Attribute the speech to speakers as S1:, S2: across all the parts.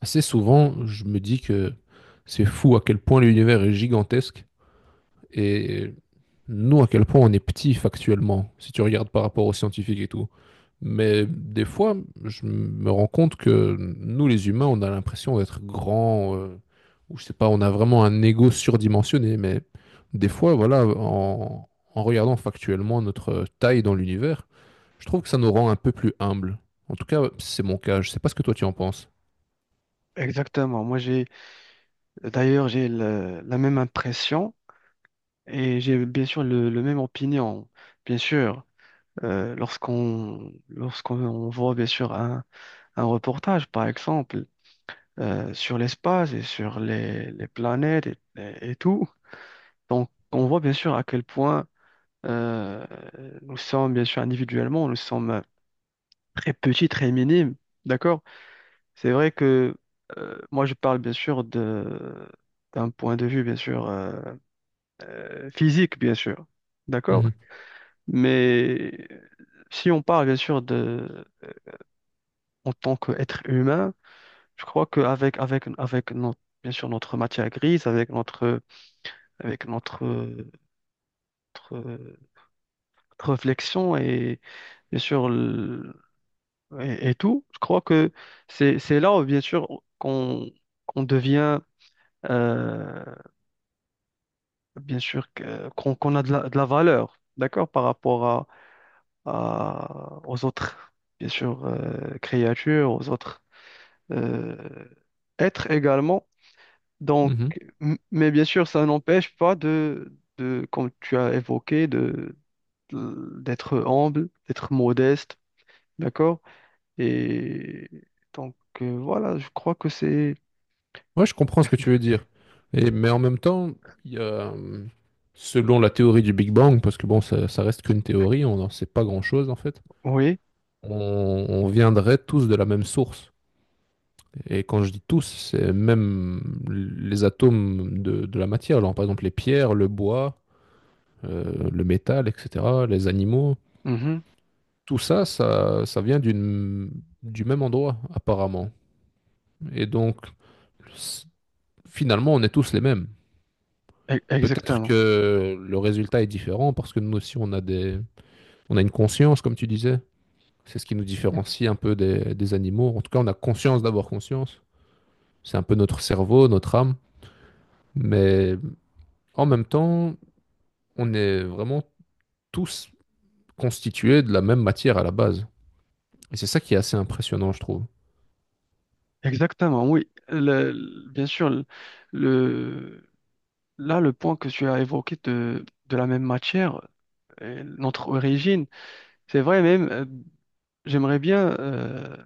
S1: Assez souvent, je me dis que c'est fou à quel point l'univers est gigantesque et nous, à quel point on est petit factuellement, si tu regardes par rapport aux scientifiques et tout. Mais des fois, je me rends compte que nous, les humains, on a l'impression d'être grands, ou je sais pas, on a vraiment un ego surdimensionné. Mais des fois, voilà, en regardant factuellement notre taille dans l'univers, je trouve que ça nous rend un peu plus humbles. En tout cas, c'est mon cas. Je sais pas ce que toi tu en penses.
S2: Exactement. Moi, j'ai d'ailleurs la même impression et j'ai bien sûr le même opinion. Bien sûr, lorsqu'on voit bien sûr un reportage, par exemple, sur l'espace et sur les planètes et tout, donc on voit bien sûr à quel point euh, nous sommes bien sûr individuellement, nous sommes très petits, très minimes. D'accord? C'est vrai que moi, je parle bien sûr de d'un point de vue bien sûr. Physique, bien sûr. D'accord?
S1: Mhm,
S2: Mais si on parle, bien sûr, de, en tant qu'être humain, je crois qu'avec avec, avec avec notre, bien sûr, notre matière grise, avec notre réflexion et, bien sûr, et tout, je crois que c'est là où, bien sûr, qu'on devient, euh, bien sûr, qu'on a de de la valeur, d'accord, par rapport aux autres, bien sûr, créatures, aux autres euh, êtres également. Donc,
S1: mhm.
S2: mais bien sûr, ça n'empêche pas comme tu as évoqué, d'être humble, d'être modeste, d'accord? Et donc, voilà, je crois que c'est...
S1: Ouais, je comprends ce que tu veux dire. Et, mais en même temps, il y a, euh, selon la théorie du Big Bang, parce que bon, ça reste qu'une théorie, on n'en sait pas grand-chose en fait,
S2: Oui,
S1: on viendrait tous de la même source. Et quand je dis tous, c'est même les atomes de la matière. Alors, par exemple, les pierres, le bois, le métal, etc., les animaux.
S2: mhm,
S1: Tout ça, ça vient d'une, du même endroit, apparemment. Et donc, c- finalement, on est tous les mêmes. Peut-être
S2: exactement.
S1: que le résultat est différent parce que nous aussi, on a une conscience, comme tu disais. C'est ce qui nous différencie un peu des animaux. En tout cas, on a conscience d'avoir conscience. C'est un peu notre cerveau, notre âme. Mais en même temps, on est vraiment tous constitués de la même matière à la base. Et c'est ça qui est assez impressionnant, je trouve.
S2: Exactement, oui. Bien sûr, le- là, le point que tu as évoqué de la même matière, notre origine. C'est vrai même, j'aimerais bien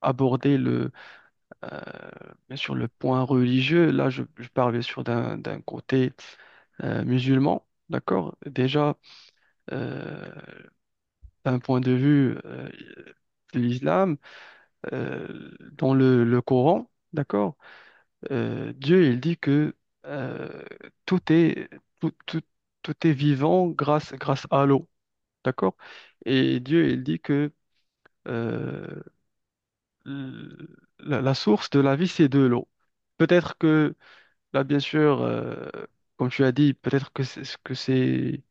S2: aborder le, euh, bien sûr le point religieux. Là, je parle bien sûr d'un côté musulman, d'accord? Déjà, euh, d'un point de vue de l'islam, dans le Coran, d'accord? Dieu, il dit que euh, tout est, tout, tout, tout est vivant grâce à l'eau, d'accord? Et Dieu, il dit que euh, l- la source de la vie, c'est de l'eau. Peut-être que, là, bien sûr, comme tu as dit, peut-être que c'est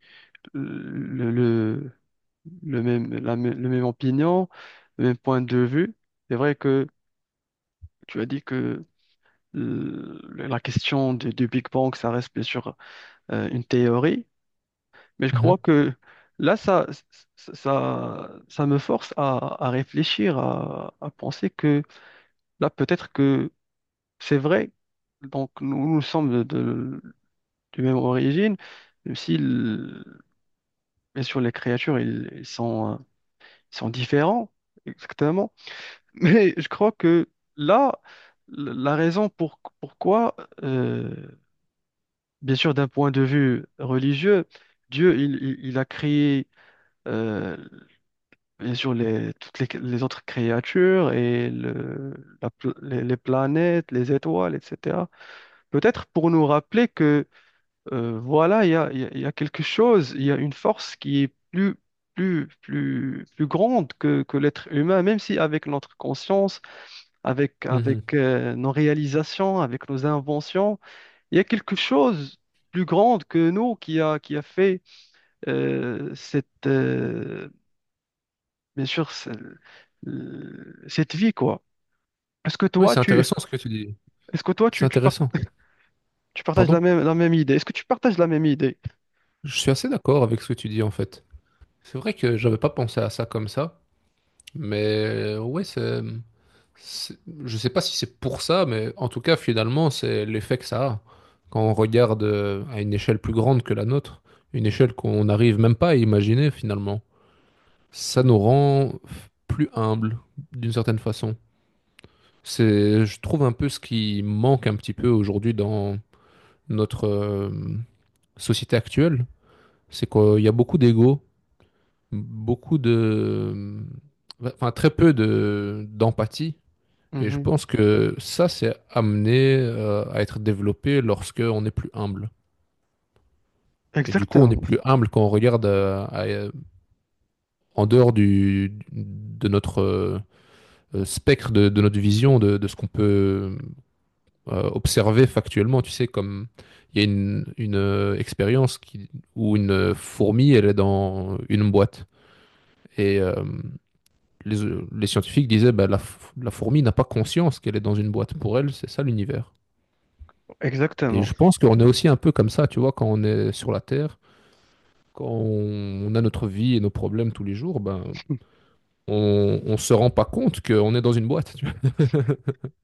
S2: euh, le, le, le même, le même opinion, le même point de vue. C'est vrai que tu as dit que la question du Big Bang, ça reste bien sûr une théorie, mais je
S1: Mhm.
S2: crois que là, ça me force à réfléchir, à penser que là, peut-être que c'est vrai, donc nous, nous sommes de même origine, même si, bien sûr, les créatures, ils sont différents, exactement. Mais je crois que là, la raison pour, pourquoi, euh, bien sûr, d'un point de vue religieux, Dieu, il a créé, euh, bien sûr, toutes les autres créatures et la pl- les planètes, les étoiles, etc. Peut-être pour nous rappeler euh, voilà, il y a quelque chose, il y a une force qui est plus grande que l'être humain, même si avec notre conscience,
S1: Mhm.
S2: avec nos réalisations, avec nos inventions, il y a quelque chose plus grande que nous qui a fait euh, cette, euh, bien sûr, cette vie, quoi. Est-ce que
S1: Ouais,
S2: toi,
S1: c'est
S2: tu,
S1: intéressant ce que tu dis.
S2: est-ce que toi,
S1: C'est intéressant.
S2: tu partages
S1: Pardon?
S2: la la même idée? Est-ce que tu partages la même idée?
S1: Je suis assez d'accord avec ce que tu dis en fait. C'est vrai que j'avais pas pensé à ça comme ça, mais ouais, c'est. C'est- Je sais pas si c'est pour ça, mais en tout cas, finalement, c'est l'effet que ça a. Quand on regarde à une échelle plus grande que la nôtre, une échelle qu'on n'arrive même pas à imaginer finalement, ça nous rend plus humbles d'une certaine façon. C'est, je trouve, un peu ce qui manque un petit peu aujourd'hui dans notre société actuelle, c'est qu'il y a beaucoup d'ego, beaucoup de, enfin très peu de d'empathie. Et je
S2: Mhm.
S1: pense que ça, c'est amené à être développé lorsque on est plus humble. Et du coup, on est
S2: Exactement,
S1: plus humble quand on regarde en dehors du, de notre spectre, de notre vision, de ce qu'on peut observer factuellement. Tu sais, comme il y a une expérience où une fourmi, elle est dans une boîte. Et les, les scientifiques disaient, bah, la fourmi n'a pas conscience qu'elle est dans une boîte. Pour elle, c'est ça l'univers. Et
S2: exactement.
S1: je pense qu'on est aussi un peu comme ça, tu vois, quand on est sur la Terre, quand on a notre vie et nos problèmes tous les jours, ben, on se rend pas compte qu'on est dans une boîte. Tu vois.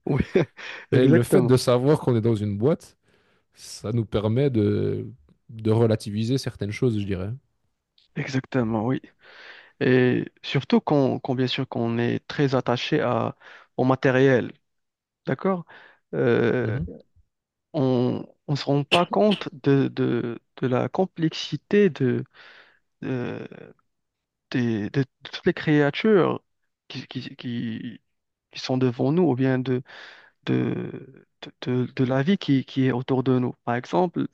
S2: Oui,
S1: Mais le fait
S2: exactement.
S1: de savoir qu'on est dans une boîte, ça nous permet de relativiser certaines choses, je dirais.
S2: Exactement, oui. Et surtout bien sûr qu'on est très attaché à, au matériel, d'accord? Euh,
S1: Mhm.
S2: on ne se rend pas compte de la complexité de, de toutes les créatures qui, qui, qui, qui sont devant nous, ou bien de, de la vie qui est autour de nous. Par exemple,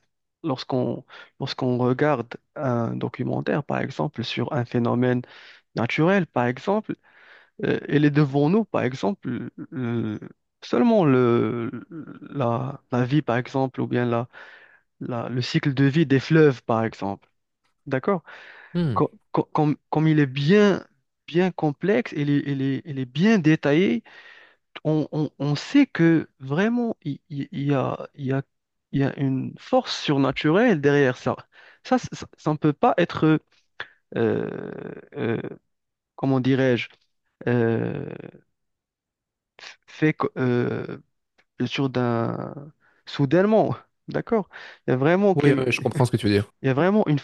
S2: lorsqu'on lorsqu'on regarde un documentaire, par exemple, sur un phénomène naturel, par exemple, il est devant nous, par exemple, seulement la vie, par exemple, ou bien le cycle de vie des fleuves, par exemple. D'accord?
S1: Hmm.
S2: Comme, comme il est bien, bien complexe, il est bien détaillé. On, on sait que vraiment, il y a une force surnaturelle derrière ça. Ça, ça ne peut pas être, euh, euh, comment dirais-je, euh, f- fait co- sur d'un soudainement, d'accord? Il y a vraiment,
S1: Oui, oui, je comprends ce que tu veux dire.
S2: il y a vraiment une...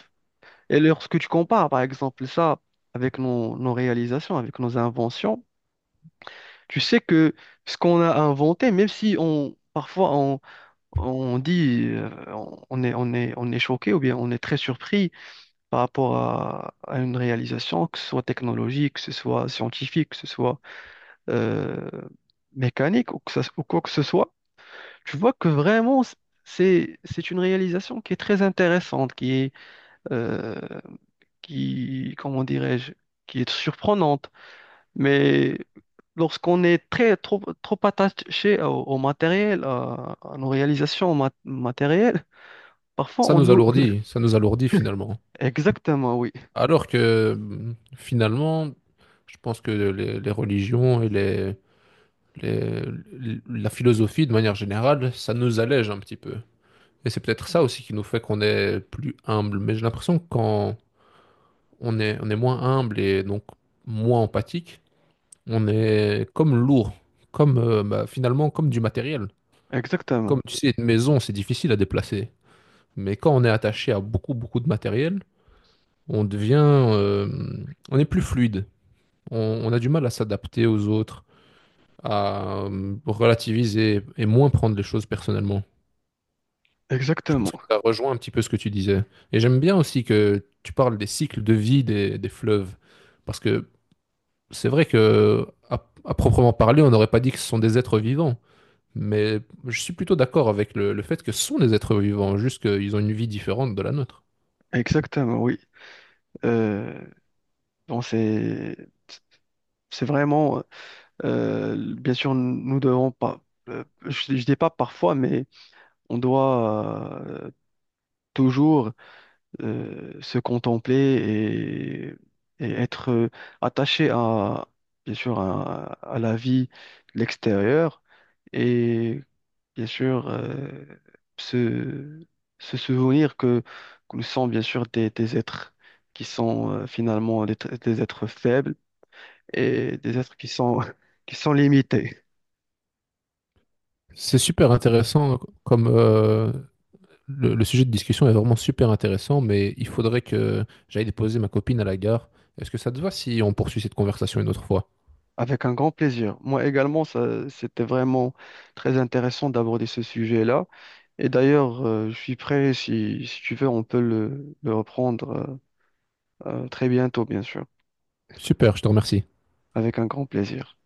S2: Et lorsque tu compares, par exemple, ça avec nos réalisations, avec nos inventions, tu sais que ce qu'on a inventé, même si on, parfois on dit, on est choqué ou bien on est très surpris par rapport à une réalisation, que ce soit technologique, que ce soit scientifique, que ce soit euh, mécanique ou quoi que ce soit. Tu vois que vraiment, c'est une réalisation qui est très intéressante, qui est, euh, qui, comment dirais-je, qui est surprenante. Mais lorsqu'on est trop attaché au, au matériel, à nos réalisations matérielles, parfois, on nous...
S1: Ça nous alourdit finalement.
S2: Exactement, oui.
S1: Alors que mm, finalement, je pense que les religions et les- la philosophie de manière générale, ça nous allège un petit peu. Et c'est peut-être ça aussi qui nous fait qu'on est plus humble. Mais j'ai l'impression que quand on est moins humble et donc moins empathique, on est comme lourd, comme finalement comme du matériel. Comme
S2: Exactement.
S1: tu sais, une maison, c'est difficile à déplacer. Mais quand on est attaché à beaucoup, beaucoup de matériel, on devient, euh, on est plus fluide. On, on a du mal à s'adapter aux autres, à relativiser et moins prendre les choses personnellement. Je pense que
S2: Exactement.
S1: ça rejoint un petit peu ce que tu disais. Et j'aime bien aussi que tu parles des cycles de vie des fleuves. Parce que c'est vrai que, à proprement parler, on n'aurait pas dit que ce sont des êtres vivants. Mais je suis plutôt d'accord avec le fait que ce sont des êtres vivants, juste qu'ils ont une vie différente de la nôtre.
S2: Exactement, oui. Euh, bon, c'est vraiment, bien sûr, nous devons pas, je dis pas parfois, mais on doit toujours se contempler et être attaché à, bien sûr, à la vie l'extérieure et bien sûr se, se souvenir que nous sommes bien sûr des êtres qui sont finalement des êtres faibles et des êtres qui sont, qui sont limités.
S1: C'est super intéressant comme le sujet de discussion est vraiment super intéressant, mais il faudrait que j'aille déposer ma copine à la gare. Est-ce que ça te va si on poursuit cette conversation une autre fois?
S2: Avec un grand plaisir. Moi également, ça, c'était vraiment très intéressant d'aborder ce sujet-là. Et d'ailleurs, je suis prêt, si, si tu veux, on peut le reprendre très bientôt, bien sûr,
S1: Super, je te remercie.
S2: avec un grand plaisir.